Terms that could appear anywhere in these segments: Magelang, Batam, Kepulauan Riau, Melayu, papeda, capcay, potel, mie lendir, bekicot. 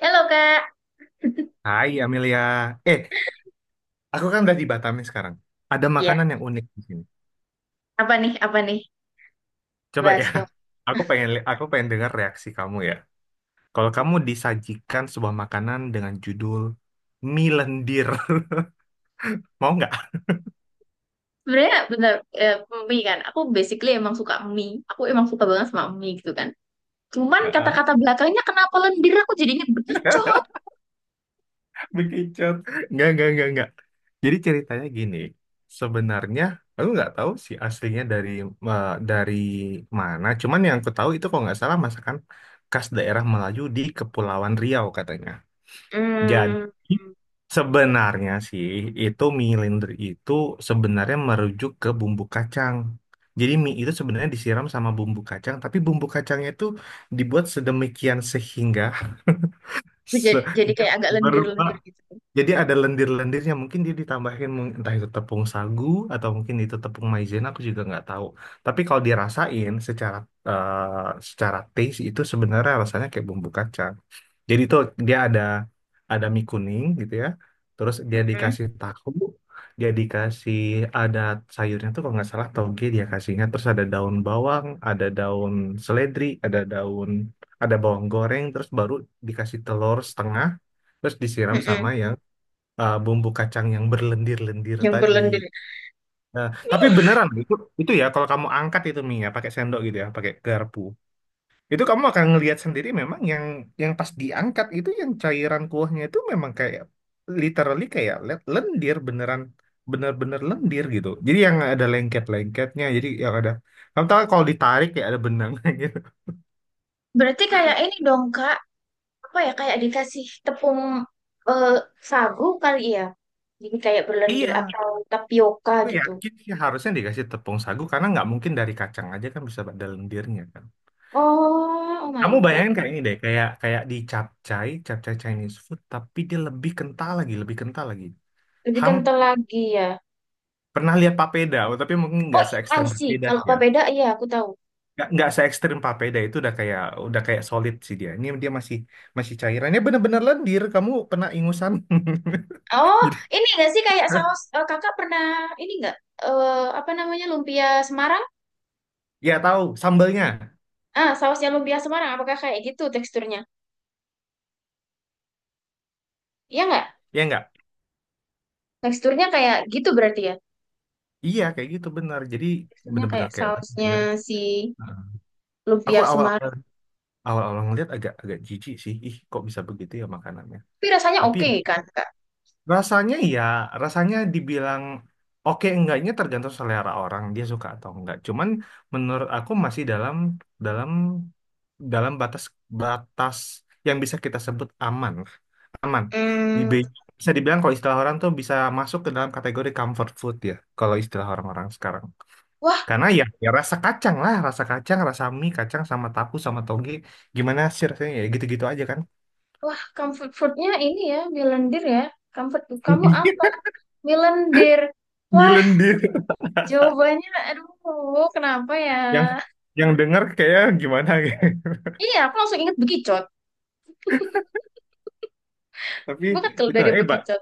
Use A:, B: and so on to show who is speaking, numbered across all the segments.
A: Halo Kak,
B: Hai Amelia. Eh, aku kan udah di Batam nih sekarang. Ada
A: ya,
B: makanan yang unik di sini.
A: apa nih
B: Coba ya.
A: bahas dong.
B: Aku pengen dengar reaksi kamu ya. Kalau kamu disajikan sebuah makanan dengan judul mie lendir, mau nggak?
A: Sebenarnya bener eh, mie kan, aku basically emang suka mie. Aku emang suka banget sama mie gitu kan. Cuman
B: Heeh.
A: kata-kata belakangnya kenapa lendir aku jadinya berkicau.
B: Bekicot. Nggak, nggak. Jadi ceritanya gini. Sebenarnya aku nggak tahu sih aslinya dari dari mana. Cuman yang aku tahu itu kalau nggak salah masakan khas daerah Melayu di Kepulauan Riau katanya. Jadi
A: Hmm,
B: sebenarnya sih itu mie lender itu sebenarnya merujuk ke bumbu kacang. Jadi mie itu sebenarnya disiram sama bumbu kacang, tapi bumbu kacangnya itu dibuat sedemikian sehingga se-
A: jadi kayak agak
B: berupa.
A: lendir-lendir gitu.
B: Jadi ada lendir-lendirnya, mungkin dia ditambahin entah itu tepung sagu atau mungkin itu tepung maizena, aku juga nggak tahu. Tapi kalau dirasain secara eh, secara taste itu sebenarnya rasanya kayak bumbu kacang. Jadi tuh dia ada mie kuning gitu ya. Terus dia
A: Mm-mm,
B: dikasih tahu, dia dikasih ada sayurnya tuh kalau nggak salah toge dia kasihnya. Terus ada daun bawang, ada daun seledri, ada bawang goreng. Terus baru dikasih telur setengah. Terus disiram sama
A: mm-mm,
B: yang bumbu kacang yang berlendir-lendir
A: yang
B: tadi.
A: berlendir.
B: Nah, tapi beneran itu ya kalau kamu angkat itu mie ya pakai sendok gitu ya, pakai garpu. Itu kamu akan ngelihat sendiri memang yang pas diangkat itu yang cairan kuahnya itu memang kayak literally kayak lendir beneran bener-bener lendir gitu. Jadi yang ada lengket-lengketnya, jadi yang ada kamu tahu kalau ditarik ya ada benangnya gitu.
A: Berarti kayak ini dong Kak, apa ya kayak dikasih tepung eh, sagu kali ya. Jadi kayak berlendir
B: Iya,
A: atau tapioka
B: gue
A: gitu.
B: yakin sih harusnya dikasih tepung sagu karena nggak mungkin dari kacang aja kan bisa ada lendirnya kan.
A: Oh, oh
B: Kamu
A: my God.
B: bayangin kayak ini deh, kayak kayak di capcay, capcay Chinese food, tapi dia lebih kental lagi, lebih kental lagi.
A: Lebih
B: Ham
A: kental lagi ya.
B: Pernah lihat papeda, oh, tapi mungkin nggak
A: Oh,
B: se
A: I
B: ekstrim
A: see.
B: papeda sih
A: Kalau
B: ya.
A: papeda, iya aku tahu.
B: Nggak se ekstrim Papeda itu udah kayak solid sih, dia ini dia masih masih cairannya bener-bener lendir, kamu pernah ingusan.
A: Oh,
B: Jadi
A: ini nggak sih kayak saus eh, kakak pernah ini nggak? eh apa namanya lumpia Semarang?
B: ya tahu sambelnya,
A: Ah, sausnya lumpia Semarang. Apakah kayak gitu teksturnya? Iya nggak?
B: ya nggak,
A: Teksturnya kayak gitu berarti ya.
B: iya kayak gitu bener, jadi
A: Teksturnya
B: bener-bener
A: kayak
B: kayak
A: sausnya
B: lendir.
A: si
B: Nah, aku
A: lumpia
B: awal
A: Semarang.
B: awal awal awal ngeliat agak agak jijik sih, ih kok bisa begitu ya makanannya,
A: Tapi rasanya
B: tapi ya.
A: oke kan, Kak?
B: Rasanya ya, rasanya dibilang oke enggaknya tergantung selera orang, dia suka atau enggak. Cuman menurut aku masih dalam dalam dalam batas batas yang bisa kita sebut aman. Aman.
A: Hmm,
B: Dibe- Bisa dibilang kalau istilah orang tuh bisa masuk ke dalam kategori comfort food ya, kalau istilah orang-orang sekarang.
A: wah,
B: Karena ya rasa kacang lah, rasa kacang, rasa mie, kacang sama tahu sama toge, gimana sih rasanya ya gitu-gitu aja kan.
A: wah, comfort foodnya ini ya, milendir ya. Comfort food kamu apa? Milendir. Wah,
B: Milendir.
A: jawabannya, aduh, kenapa ya?
B: yang yang denger kayak gimana gitu.
A: Iya, aku langsung inget bekicot.
B: Tapi
A: Gue kalau
B: itu
A: dari bekicot.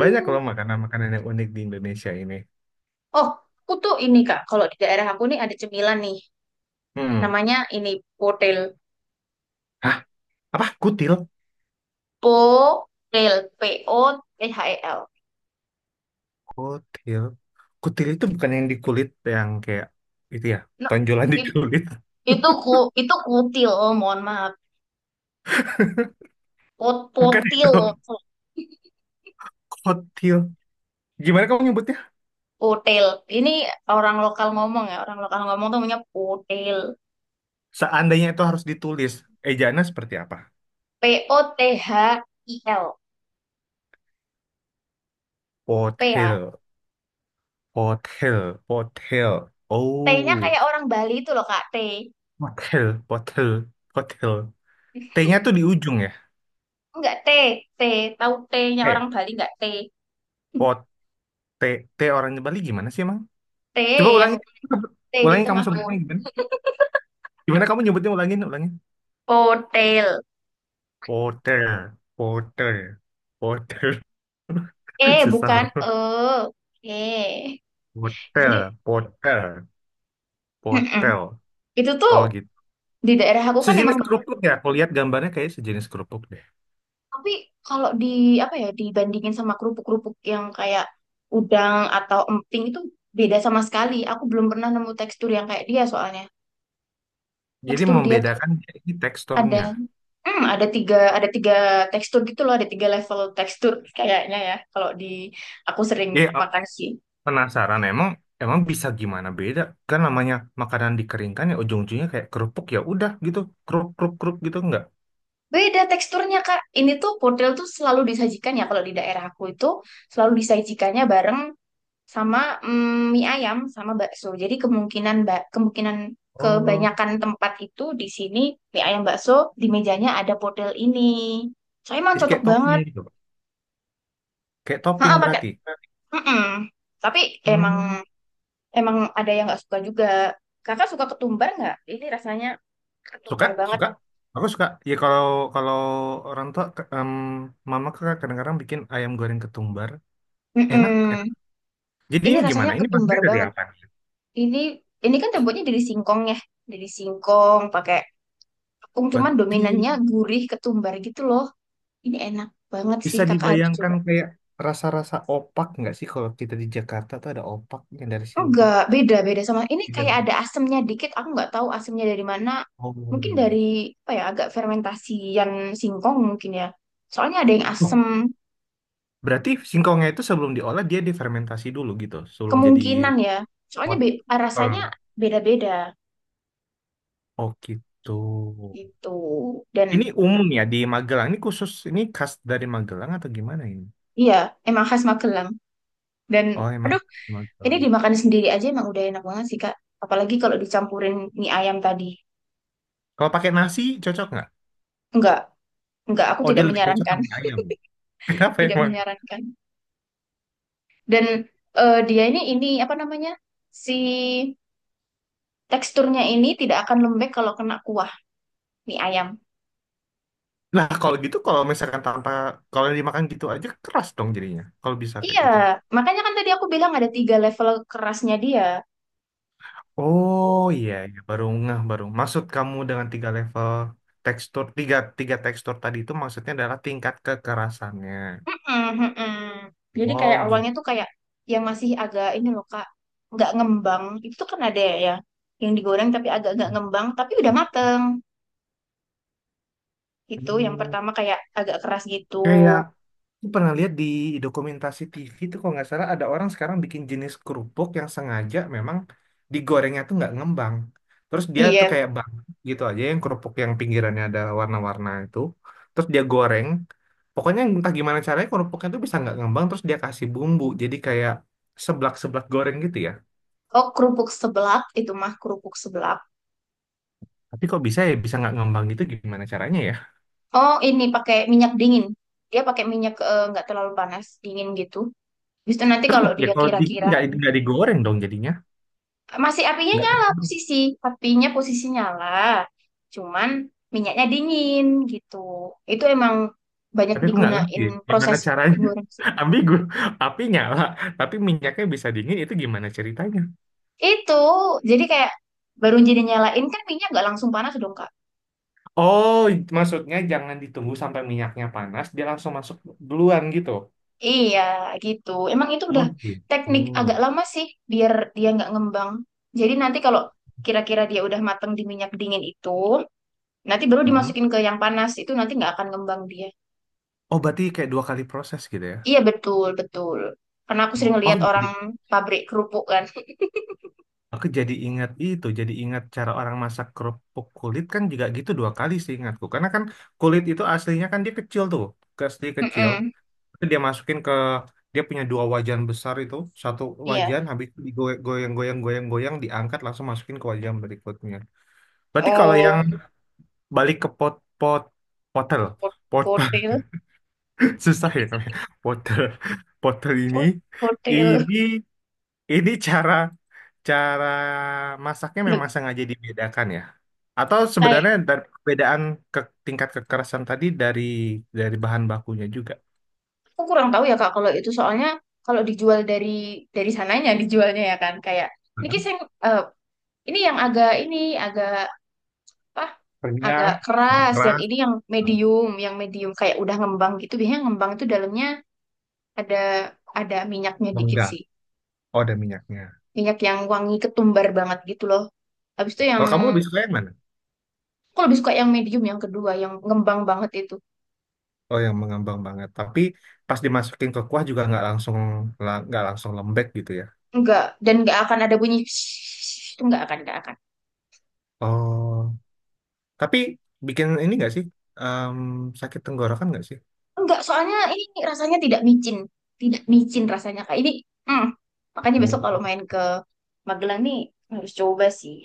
B: banyak loh makanan-makanan yang unik di Indonesia ini.
A: Oh, aku tuh ini Kak, kalau di daerah aku nih ada cemilan nih.
B: Hmm.
A: Namanya ini potel.
B: Hah, apa? Kutil?
A: Potel. POTHEL.
B: Kutil. Kutil itu bukan yang di kulit yang kayak itu ya,
A: Nah,
B: tonjolan di
A: it-
B: kulit.
A: itu ku itu kutil, oh, mohon maaf. Pot
B: Bukan itu.
A: potil.
B: Kutil. Gimana kamu nyebutnya?
A: Potel. Ini orang lokal ngomong ya, orang lokal ngomong tuh namanya potel.
B: Seandainya itu harus ditulis, ejaannya seperti apa?
A: POTHIL. P ya.
B: Pothil, pothil, pothil.
A: T-nya
B: Oh,
A: kayak orang Bali itu loh Kak, T.
B: pothil, pothil, pothil. T-nya tuh di ujung ya.
A: Enggak, T, T. Tahu T-nya orang Bali enggak, T.
B: Eh, T T orangnya Bali gimana sih emang?
A: T
B: Coba
A: yang
B: ulangi.
A: T di
B: Ulangi, kamu
A: tengah
B: sebutnya gimana? Gimana kamu nyebutnya, ulangin, ulangin.
A: hotel.
B: Porter, porter, porter.
A: Eh, bukan E.
B: Susah.
A: Oke. Jadi,
B: Porter, porter,
A: mm-mm.
B: porter.
A: Itu tuh
B: Oh gitu.
A: di daerah aku kan emang
B: Sejenis
A: banyak.
B: kerupuk ya. Aku lihat gambarnya kayak sejenis kerupuk deh.
A: Tapi kalau di apa ya dibandingin sama kerupuk-kerupuk yang kayak udang atau emping itu beda sama sekali. Aku belum pernah nemu tekstur yang kayak dia soalnya.
B: Jadi
A: Tekstur dia tuh
B: membedakan ini
A: ada
B: teksturnya.
A: hmm, ada tiga tekstur gitu loh, ada tiga level tekstur kayaknya ya kalau di aku sering
B: Ya
A: makan sih.
B: penasaran emang emang bisa gimana beda? Kan namanya makanan dikeringkan ya ujung-ujungnya kayak kerupuk ya udah gitu. Kerup kerup kerup gitu enggak?
A: Beda teksturnya, Kak. Ini tuh pudel tuh selalu disajikan ya kalau di daerah aku itu selalu disajikannya bareng sama mm, mie ayam sama bakso. Jadi kemungkinan mbak kemungkinan
B: Oh,
A: kebanyakan tempat itu di sini mie ayam bakso di mejanya ada pudel ini. Soalnya emang
B: jadi
A: cocok
B: kayak topping
A: banget.
B: gitu. Kayak topping
A: Heeh, pakai.
B: berarti.
A: Mm-mm. Tapi
B: Hmm.
A: emang emang ada yang nggak suka juga. Kakak suka ketumbar nggak? Ini rasanya
B: Suka?
A: ketumbar banget.
B: Suka? Aku suka. Ya kalau kalau orang tua mama kakak kadang-kadang bikin ayam goreng ketumbar. Enak, enak.
A: Mm-mm.
B: Jadi
A: Ini
B: ini
A: rasanya
B: gimana? Ini bahannya
A: ketumbar
B: dari
A: banget.
B: apa nih?
A: Ini ini kan terbuatnya dari singkong ya, dari singkong pakai tepung cuman
B: Berarti
A: dominannya gurih ketumbar gitu loh. Ini enak banget sih
B: bisa
A: kakak harus
B: dibayangkan
A: coba.
B: kayak rasa-rasa opak nggak sih, kalau kita di Jakarta tuh ada opak yang dari singkong.
A: Enggak, beda beda sama ini
B: Tidak.
A: kayak ada asemnya dikit. Aku nggak tahu asemnya dari mana. Mungkin
B: Oh.
A: dari apa ya agak fermentasian singkong mungkin ya. Soalnya ada yang asem
B: Oh, berarti singkongnya itu sebelum diolah dia difermentasi dulu gitu, sebelum jadi
A: kemungkinan ya. Soalnya be- rasanya
B: wortel.
A: beda-beda
B: Oh gitu.
A: gitu. Dan
B: Ini umum ya di Magelang. Ini khusus, ini khas dari Magelang atau gimana ini?
A: iya emang khas Magelang. Dan
B: Oh, emang
A: aduh
B: khas dari
A: ini
B: Magelang.
A: dimakan sendiri aja emang udah enak banget sih, Kak. Apalagi kalau dicampurin mie ayam tadi.
B: Kalau pakai nasi cocok nggak?
A: Enggak, enggak, aku
B: Oh, dia
A: tidak
B: lebih cocok
A: menyarankan,
B: sama ayam. Kenapa
A: tidak
B: emang?
A: menyarankan. Dan dia ini apa namanya? Si teksturnya ini tidak akan lembek kalau kena kuah mie ayam.
B: Nah, kalau gitu kalau misalkan tanpa, kalau dimakan gitu aja keras dong jadinya. Kalau bisa kayak
A: Iya,
B: gitu.
A: makanya kan tadi aku bilang ada tiga level kerasnya dia.
B: Oh
A: Oh.
B: iya, iya. Baru ngeh baru. Maksud kamu dengan tiga level tekstur, tiga tiga tekstur tadi itu maksudnya adalah tingkat kekerasannya.
A: Mm-mm, mm-mm. Jadi
B: Oh
A: kayak awalnya
B: gitu.
A: tuh kayak yang masih agak ini loh Kak, nggak ngembang. Itu tuh kan ada ya yang digoreng tapi agak nggak ngembang, tapi udah mateng. Itu yang
B: Hmm,
A: pertama kayak agak keras gitu.
B: Kayak Aku pernah lihat di dokumentasi TV itu, kalau nggak salah ada orang sekarang bikin jenis kerupuk yang sengaja memang digorengnya tuh nggak ngembang. Terus dia tuh
A: Iya.
B: kayak bang gitu aja, yang kerupuk yang pinggirannya ada warna-warna itu. Terus dia goreng. Pokoknya entah gimana caranya kerupuknya tuh bisa nggak ngembang, terus dia kasih bumbu. Jadi kayak seblak-seblak goreng gitu ya.
A: Oh, kerupuk seblak itu mah kerupuk seblak.
B: Tapi kok bisa ya bisa nggak ngembang gitu, gimana caranya ya?
A: Oh, ini pakai minyak dingin. Dia pakai minyak nggak terlalu panas, dingin gitu. Habis itu nanti
B: Terus
A: kalau
B: ya
A: dia
B: kalau dingin
A: kira-kira
B: nggak digoreng dong jadinya.
A: masih apinya
B: Nggak,
A: nyala posisi, apinya posisi nyala. Cuman minyaknya dingin gitu. Itu emang banyak
B: tapi aku nggak ngerti
A: digunain
B: ya, gimana
A: proses
B: caranya.
A: goreng sih.
B: Ambigu, api nyala tapi minyaknya bisa dingin, itu gimana ceritanya.
A: Itu jadi kayak baru jadi nyalain kan minyak nggak langsung panas dong, Kak.
B: Oh, maksudnya jangan ditunggu sampai minyaknya panas, dia langsung masuk duluan gitu.
A: Iya, gitu. Emang itu udah
B: Oh
A: teknik agak
B: gitu.
A: lama sih, biar dia nggak ngembang. Jadi nanti kalau kira-kira dia udah mateng di minyak dingin itu, nanti baru
B: Mm-mm.
A: dimasukin ke yang panas, itu nanti nggak akan ngembang dia.
B: Oh berarti kayak dua kali proses gitu ya.
A: Iya, betul, betul. Karena aku sering
B: Oh,
A: lihat
B: jadi
A: orang pabrik kerupuk kan.
B: aku jadi ingat itu, jadi ingat cara orang masak kerupuk kulit kan juga gitu, dua kali sih ingatku, karena kan kulit itu aslinya kan dia kecil tuh, asli kecil.
A: Mm-mm,
B: Itu dia masukin ke, dia punya dua wajan besar itu, satu
A: iya.
B: wajan habis itu digoyang goyang goyang goyang diangkat langsung masukin ke wajan berikutnya. Berarti kalau yang
A: Oh,
B: balik ke pot pot potel
A: ko-
B: pot.
A: kotil.
B: Susah ya namanya, potel potel ini,
A: Ko- kotil.
B: ini ini cara cara masaknya
A: Nggak-
B: memang sengaja dibedakan ya, atau
A: kayak,
B: sebenarnya dari perbedaan ke tingkat kekerasan tadi, dari bahan bakunya juga.
A: aku kurang tahu ya, Kak, kalau itu soalnya kalau dijual dari sananya, dijualnya ya kan. Kayak, Niki
B: Bahan
A: sing ini yang agak ini agak apa?
B: bakunya
A: Agak keras. Yang
B: keras.
A: ini yang medium kayak udah ngembang gitu. Biasanya ngembang itu dalamnya ada minyaknya dikit sih.
B: Oh, ada minyaknya.
A: Minyak yang wangi ketumbar banget gitu loh. Habis itu yang
B: Kalau kamu lebih suka yang mana?
A: aku lebih suka yang medium yang kedua, yang ngembang banget itu.
B: Oh, yang mengembang banget. Tapi pas dimasukin ke kuah juga nggak langsung nggak langsung lembek gitu ya.
A: Enggak dan enggak akan ada bunyi itu enggak akan enggak akan.
B: Oh, tapi bikin ini nggak sih? Em, sakit tenggorokan nggak sih?
A: Enggak, soalnya ini rasanya tidak micin. Tidak micin rasanya kayak ini. Hmm. Makanya besok kalau
B: Oh.
A: main ke Magelang nih harus coba sih.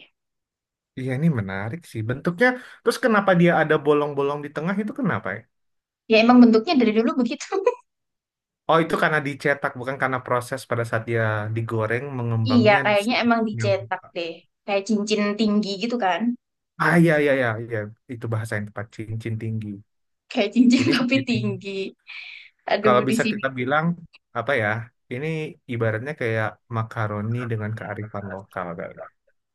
B: Iya, ini menarik sih bentuknya. Terus kenapa dia ada bolong-bolong di tengah itu, kenapa ya?
A: Ya emang bentuknya dari dulu begitu.
B: Oh, itu karena dicetak, bukan karena proses pada saat dia digoreng
A: Iya,
B: mengembangnya.
A: kayaknya emang dicetak deh. Kayak cincin tinggi gitu kan.
B: Ah, iya, iya, iya, iya. Itu bahasa yang tepat, cincin tinggi.
A: Kayak cincin
B: Ini
A: tapi
B: cincin tinggi.
A: tinggi. Aduh,
B: Kalau
A: di
B: bisa
A: sini.
B: kita bilang apa ya? Ini ibaratnya kayak makaroni dengan kearifan lokal kali.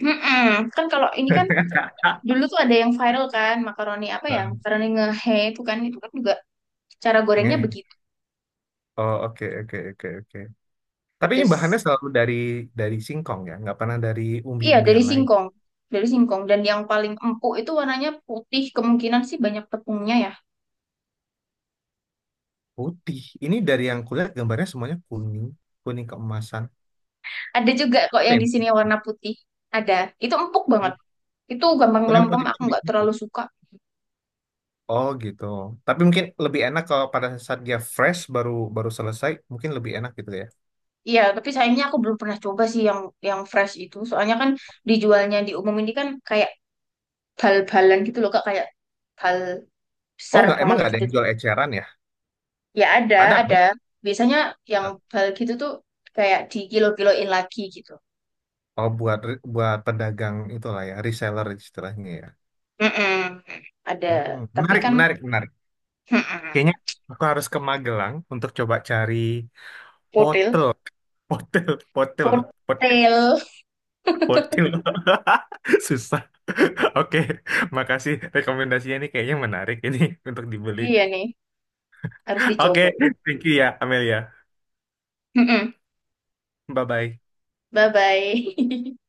A: Mm-mm. Kan kalau ini kan
B: Ah.
A: dulu tuh ada yang viral kan, makaroni apa ya? Makaroni ngehe itu kan juga cara gorengnya
B: Ngeh.
A: begitu
B: Oh, oke, oke, oke, oke. Tapi ini bahannya
A: pedes.
B: selalu dari singkong ya, nggak pernah dari
A: Iya, dari
B: umbi-umbian lain.
A: singkong. Dari singkong. Dan yang paling empuk itu warnanya putih. Kemungkinan sih banyak tepungnya ya.
B: Putih. Ini dari yang kulihat gambarnya semuanya kuning, kuning keemasan.
A: Ada juga kok
B: Apa
A: yang
B: ya?
A: di sini warna putih. Ada. Itu empuk banget. Itu gampang
B: Oh, yang
A: melempem,
B: putih itu
A: aku nggak
B: gitu.
A: terlalu suka.
B: Oh gitu. Tapi mungkin lebih enak kalau pada saat dia fresh, baru baru selesai, mungkin lebih enak gitu ya.
A: Iya, tapi sayangnya aku belum pernah coba sih yang fresh itu. Soalnya kan dijualnya di umum ini kan kayak bal-balan gitu loh, Kak, kayak bal
B: Oh
A: besar
B: nggak, emang
A: banget
B: nggak ada
A: gitu.
B: yang jual eceran ya?
A: Ya
B: Ada,
A: ada, ada.
B: kan?
A: Biasanya yang bal gitu tuh kayak di kilo-kiloin lagi gitu.
B: Oh, buat buat pedagang itulah ya, reseller istilahnya ya.
A: Mm-mm. Ada,
B: Hmm,
A: tapi
B: menarik,
A: kan
B: menarik, menarik.
A: mm-mm.
B: Kayaknya aku harus ke Magelang untuk coba cari
A: Potel,
B: potel, potel, potel,
A: potel.
B: potel, potel. Susah. Oke, makasih rekomendasinya, ini kayaknya menarik ini untuk dibeli.
A: Iya nih, harus dicoba.
B: Oke, thank you ya, Amelia.
A: Mm-mm.
B: Bye-bye.
A: Bye-bye.